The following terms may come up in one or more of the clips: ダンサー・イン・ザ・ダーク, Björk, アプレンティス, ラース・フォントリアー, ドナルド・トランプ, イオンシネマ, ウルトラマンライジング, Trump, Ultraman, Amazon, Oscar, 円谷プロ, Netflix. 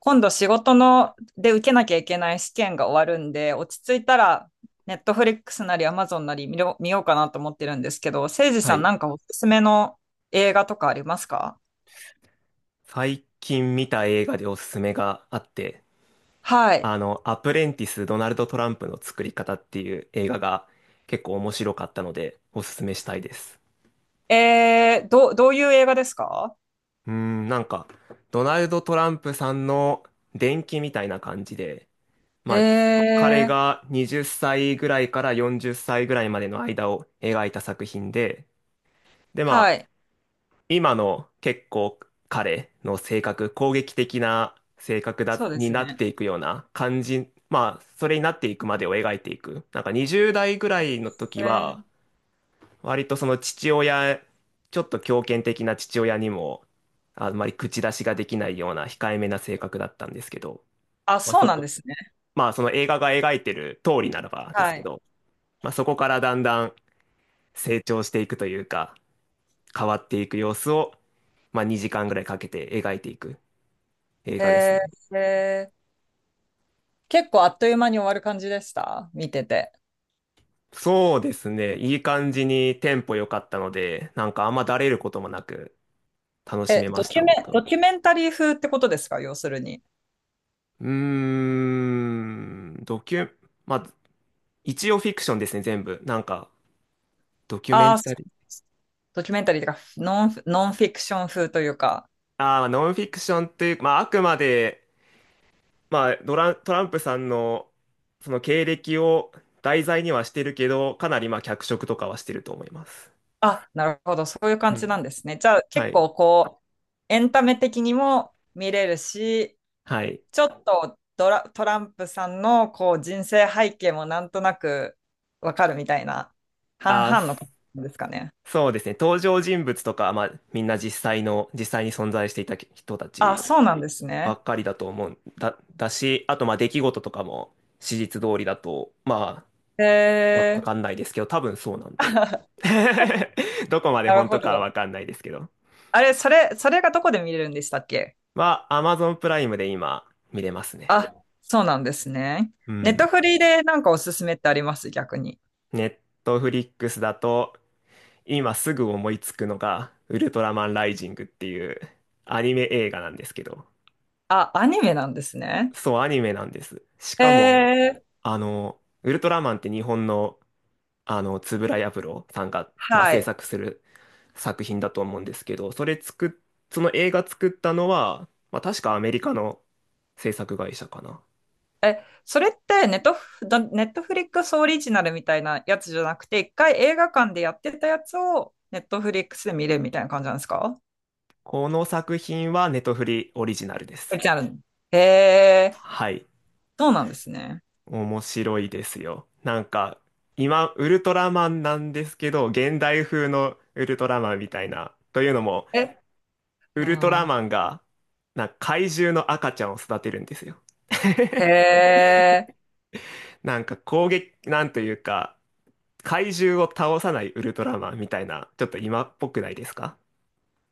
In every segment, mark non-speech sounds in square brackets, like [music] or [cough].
今度仕事ので受けなきゃいけない試験が終わるんで、落ち着いたら、ネットフリックスなりアマゾンなり見ようかなと思ってるんですけど、せいじはさんい。なんかおすすめの映画とかありますか？最近見た映画でおすすめがあって、はい。アプレンティス・ドナルド・トランプの作り方っていう映画が結構面白かったのでおすすめしたいです。どういう映画ですか？なんか、ドナルド・トランプさんの伝記みたいな感じで、えまあ、彼ー、が20歳ぐらいから40歳ぐらいまでの間を描いた作品で、で、はい。今の結構彼の性格、攻撃的な性格そうでにすなっね。ていくような感じ、まあ、それになっていくまでを描いていく。なんか20代ぐらいの時えは、ー、割とその父親、ちょっと強権的な父親にも、あんまり口出しができないような控えめな性格だったんですけど、あ、まあそうそなんこ、ですね。まあその映画が描いてる通りならばですはけい。ど、まあそこからだんだん成長していくというか、変わっていく様子を、まあ、2時間ぐらいかけて描いていく映画ですえね。ー、えー、結構あっという間に終わる感じでした見てて。そうですね。いい感じにテンポ良かったので、なんかあんまだれることもなく楽しえ、めました、僕ドは。キュメンタリー風ってことですか要するに。うーん、ドキュ、まあ、一応フィクションですね、全部。なんか、ドキュメあンあ、タリー。ドキュメンタリーというか、ノンフィクション風というか、ああ、ノンフィクションというか、まあ、あくまで、まあ、ドラン、トランプさんの、その経歴を題材にはしてるけど、かなりまあ脚色とかはしてると思います。あ、なるほど、そういう感うじなん。んですね。じゃあ、は結い。構こう、エンタメ的にも見れるし、はい。ちょっとトランプさんのこう人生背景もなんとなくわかるみたいな、半あ、々のす感じですかね。そうですね。登場人物とか、まあ、みんな実際に存在していた人たあ、ちそうなんですばね。っかりだと思うんだ、だし、あと、まあ、出来事とかも史実通りだと、まあ、わ、へわかんー。 ないですけど、多分そうなんで。[laughs] [laughs] どこまでなる本ほ当かはど。わかんないですけど。あれ、それがどこで見れるんでしたっけ？まあ、Amazon プライムで今、見れますね。あ、そうなんですね。うネットん。フリーでなんかおすすめってあります逆に？ネットフリックスだと、今すぐ思いつくのが、ウルトラマンライジングっていうアニメ映画なんですけど。あ、アニメなんですね。そう、アニメなんです。しえかも、ー、ウルトラマンって日本の、円谷プロさんが、まあ、は制い。作する作品だと思うんですけど、その映画作ったのは、まあ、確かアメリカの制作会社かな。え、それってネットフリックスオリジナルみたいなやつじゃなくて、一回映画館でやってたやつをネットフリックスで見れるみたいな感じなんですか？この作品はネトフリオリジナルでオす。リジナル。へー、はい。そうなんですね。面白いですよ。なんか、今、ウルトラマンなんですけど、現代風のウルトラマンみたいな。というのも、え、ウルトラあマンが、なんか怪獣の赤ちゃんを育てるんですよ。ー、へー、なんか攻撃、なんというか、怪獣を倒さないウルトラマンみたいな、ちょっと今っぽくないですか？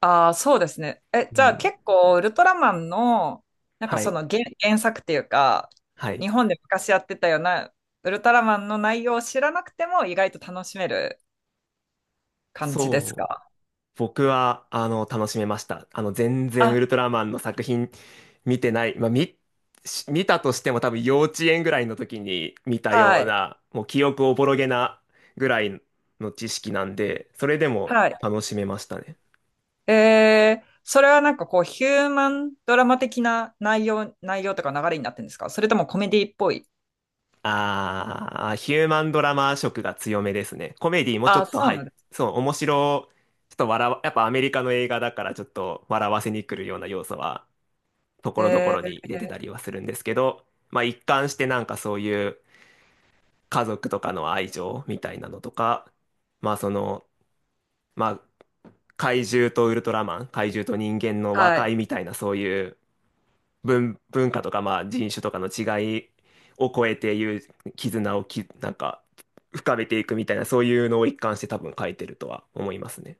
あー、そうですね。え、うじゃあん。結構ウルトラマンの、なんかはそい。の原作っていうか、はい。日本で昔やってたようなウルトラマンの内容を知らなくても意外と楽しめる。感じですそう。か？僕は、楽しめました。全然ウあ、ルトラマンの作品見てない。し見たとしても多分幼稚園ぐらいの時に見たよはうい、な、もう記憶おぼろげなぐらいの知識なんで、それでもはい。楽しめましたね。それはなんかこう、ヒューマンドラマ的な内容とか流れになってるんですかそれともコメディっぽい？あー、ヒューマンドラマ色が強めですね。コメディもちょあ、っとそう入なっ、んです。そう、ちょっと笑わ、やっぱアメリカの映画だからちょっと笑わせに来るような要素は、ところどこえろに入れてたー、りはするんですけど、まあ一貫してなんかそういう家族とかの愛情みたいなのとか、まあその、まあ怪獣とウルトラマン、怪獣と人間の和はい。解みたいなそういう文化とか、まあ、人種とかの違いを超えていう絆をき、なんか、深めていくみたいな、そういうのを一貫して多分書いてるとは思いますね。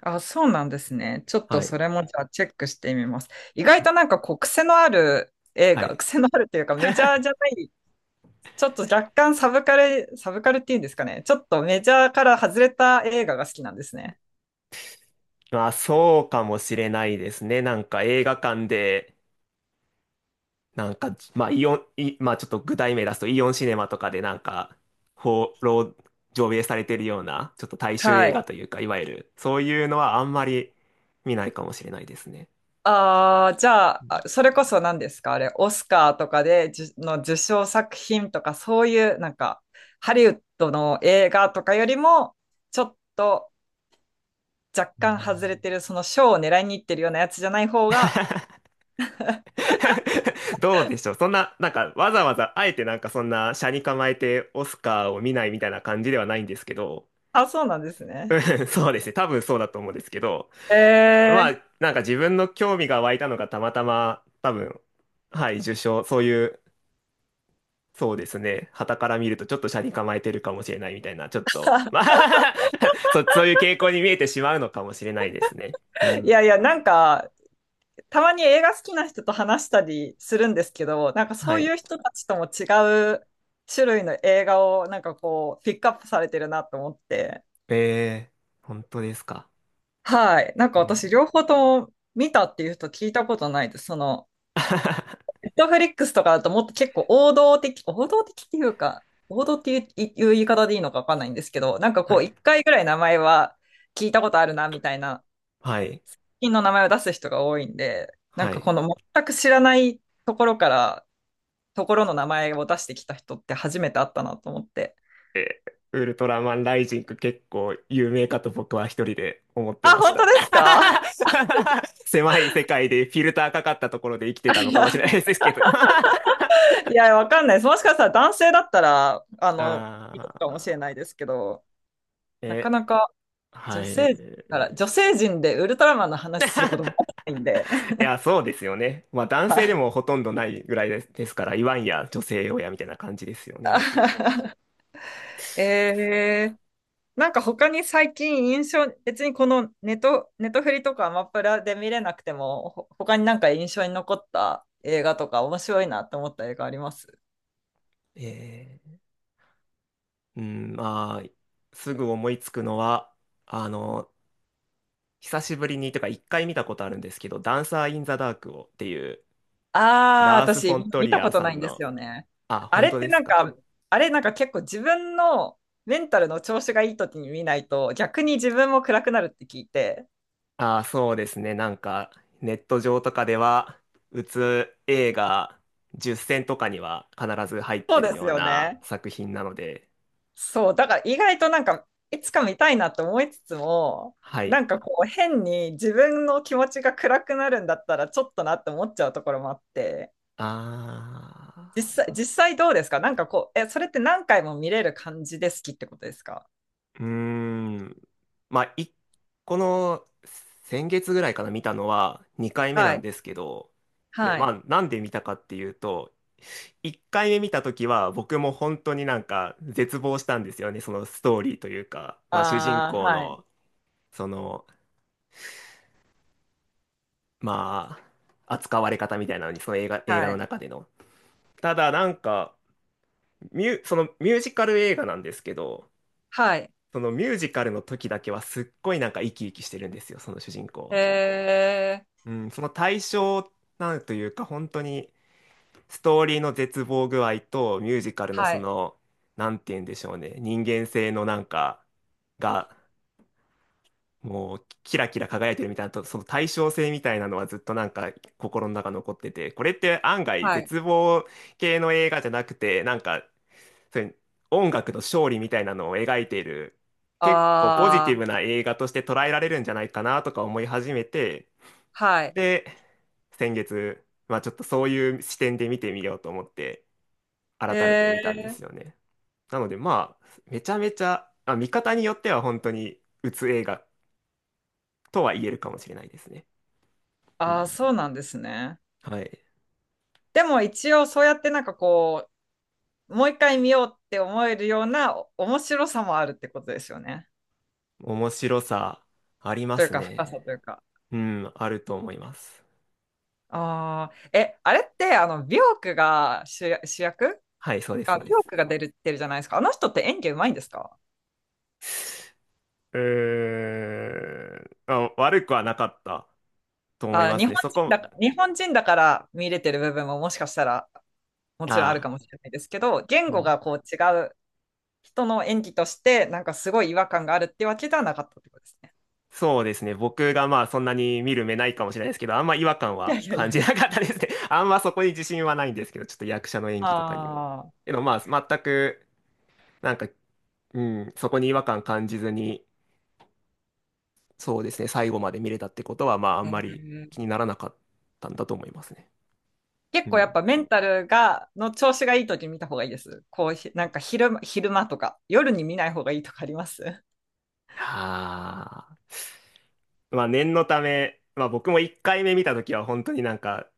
あ、そうなんですね。ちょっとはそい。れもじゃあチェックしてみます。意外はい。となんかこう、癖のある映は画、[laughs] い。癖のあるというかメジャーじゃない、ちょっと若干サブカルっていうんですかね。ちょっとメジャーから外れた映画が好きなんですね。まあ、そうかもしれないですね。なんか映画館で、なんか、まあ、イオン、イまあ、ちょっと具体名出すと、イオンシネマとかでなんか、放浪、上映されてるような、ちょっと大衆は映い。画というか、いわゆる、そういうのはあんまり見ないかもしれないですね。ああ、じゃあ、それこそ何ですかあれ、オスカーとかで、じゅの受賞作品とか、そういう、なんか、ハリウッドの映画とかよりも、ちょっと若干外れてる、その賞を狙いに行ってるようなやつじゃない方が、[laughs] どうでしょう。そんな、なんか、わざわざ、あえてなんかそんな、斜に構えてオスカーを見ないみたいな感じではないんですけど、あ、そうなんです [laughs] うね。ん、そうですね。多分そうだと思うんですけど、えまー、あ、なんか自分の興味が湧いたのがたまたま、多分、はい、受賞、そういう、そうですね。傍から見るとちょっと斜に構えてるかもしれないみたいな、ちょっと、まあ [laughs] そういう傾向に見えてしまうのかもしれないですね。ういん。やいや、なんか、たまに映画好きな人と話したりするんですけど、なんかはそうい。いう人たちとも違う種類の映画を、なんかこう、ピックアップされてるなと思って。え本当ですか。はい。なんうか私、ん 両方とも見たっていう人聞いたことないです。その、[laughs] ネットフリックスとかだともっと結構王道的っていうか、王道っていう、いう言い方でいいのかわかんないんですけど、なんかはこう、い。一回ぐらい名前は聞いたことあるな、みたいな、はい。品の名前を出す人が多いんで、なんはかい。この全く知らないところから、ところの名前を出してきた人って初めて会ったなと思って。ウルトラマンライジング結構有名かと僕は一人で思ってあ、まし本当た。ですか？ [laughs] 狭い世界でフィルターかかったところで生きてたのかもしれない [laughs] ですけど [laughs] いや、わかんないです。もしかしたら男性だったら、いるかもしあれないですけど、ー、なかえ、なかはい。女性陣でウルトラマンの話することもないんで。い [laughs] や、そうですよね。まあ男は性でい。もほとんどないぐらいですから、言わんや女性用やみたいな感じですよね、もちろん。[laughs] そう。えー、なんか他に最近別にこのネトフリとかアマプラで見れなくても、他になんか印象に残った映画とか面白いなって思った映画あります？えー、うん、まあ、すぐ思いつくのは、あの、久しぶりに、とか一回見たことあるんですけど、ダンサー・イン・ザ・ダークをっていう、ああー、ラース・フ私ォント見リたアこーとさないんんですの、よね。あ、あ本れっ当てでなすんか。か、あれなんか結構自分のメンタルの調子がいい時に見ないと逆に自分も暗くなるって聞いて。あ、そうですね。なんか、ネット上とかでは、うつ映画10選とかには必ず入っそうてでるすようよなね。作品なので、そう、だから意外となんか、いつか見たいなと思いつつも、はい。なんかこう変に自分の気持ちが暗くなるんだったらちょっとなって思っちゃうところもあって、あー。実際どうですかなんかこう、え、それって何回も見れる感じで好きってことですか？うーん。まあ、この先月ぐらいかな、見たのは2回目なはんい、ですけど、で、はまい、あ、なんで見たかっていうと、1回目見た時は僕も本当になんか絶望したんですよね、そのストーリーというか、まあ、主人ああ、公はい、の、その、まあ、扱われ方みたいなのに、その映画はのい、中での。ただ、なんか、そのミュージカル映画なんですけど、はい、そのミュージカルの時だけはすっごいなんか生き生きしてるんですよ、その主人公えは。ー、うん、その対象、なんというか、本当にストーリーの絶望具合とミュージカルのはそい、の、なんて言うんでしょうね、人間性のなんかが、もうキラキラ輝いてるみたいなと、その対称性みたいなのはずっとなんか心の中残ってて、これって案外はい、絶望系の映画じゃなくて、なんか、そういう音楽の勝利みたいなのを描いている、結構ポジティああ、ブな映画として捉えられるんじゃないかなとか思い始めて、はい、で、先月、まあちょっとそういう視点で見てみようと思って、え改めて見たんでー、すよね。なので、まあ、めちゃめちゃ、まあ、見方によっては本当に、うつ映画とは言えるかもしれないですね。うああ、ん。そうなんですね。はい。でも一応そうやってなんかこう、もう一回見ようって思えるような面白さもあるってことですよね。面白さ、ありまというすか、深さね。というか。うん、あると思います。ああ、え、あれって、あの、ビョークが主役。はい、そうです、あ、そうビョでーす。クが出るってるじゃないですか。あの人って演技うまいんですか？うーん、あ、悪くはなかったと思いあ、ますね。日本人だから見れてる部分ももしかしたらもちろんあるかああ、もしれないですけど、言う語ん、がこう違う人の演技として、なんかすごい違和感があるってわけではなかったってことですね。そうですね。僕がまあそんなに見る目ないかもしれないですけど、あんま違和感いやはいやい感やじいなや。かったですね。[laughs] あんまそこに自信はないんですけど、ちょっと役者の演技とかにも。ああ。けどまあ全く、なんか、うん、そこに違和感感じずに、そうですね、最後まで見れたってことは、まああへんまりー。気にならなかったんだと思いますね。結う構やっん。ぱメンタルが、の調子がいい時に見た方がいいです。こうひ、なんか昼間とか、夜に見ない方がいいとかあります？ はあ。まあ念のため、まあ僕も1回目見たときは本当になんか、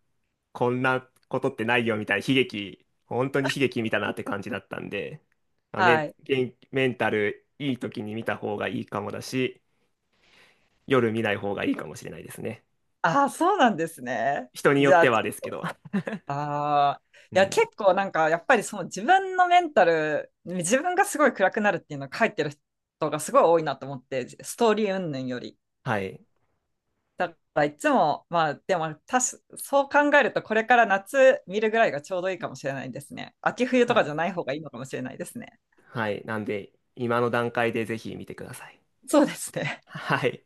こんなことってないよみたいな悲劇、本当に悲劇見たなって感じだったんで、[laughs] まあ、はい。メンタルいい時に見た方がいいかもだし、夜見ない方がいいかもしれないですね。ああ、そうなんですね。人によじっゃてあ、はですけど。ああ、[laughs] ういや、ん。結構なんか、やっぱりその自分のメンタル、自分がすごい暗くなるっていうのを書いてる人がすごい多いなと思って、ストーリー云々より。はい。だからいつも、まあ、でも、そう考えると、これから夏見るぐらいがちょうどいいかもしれないですね。秋冬とはかい。じゃない方がいいのかもしれないですね。はい。なんで、今の段階でぜひ見てください。そうですね。はい。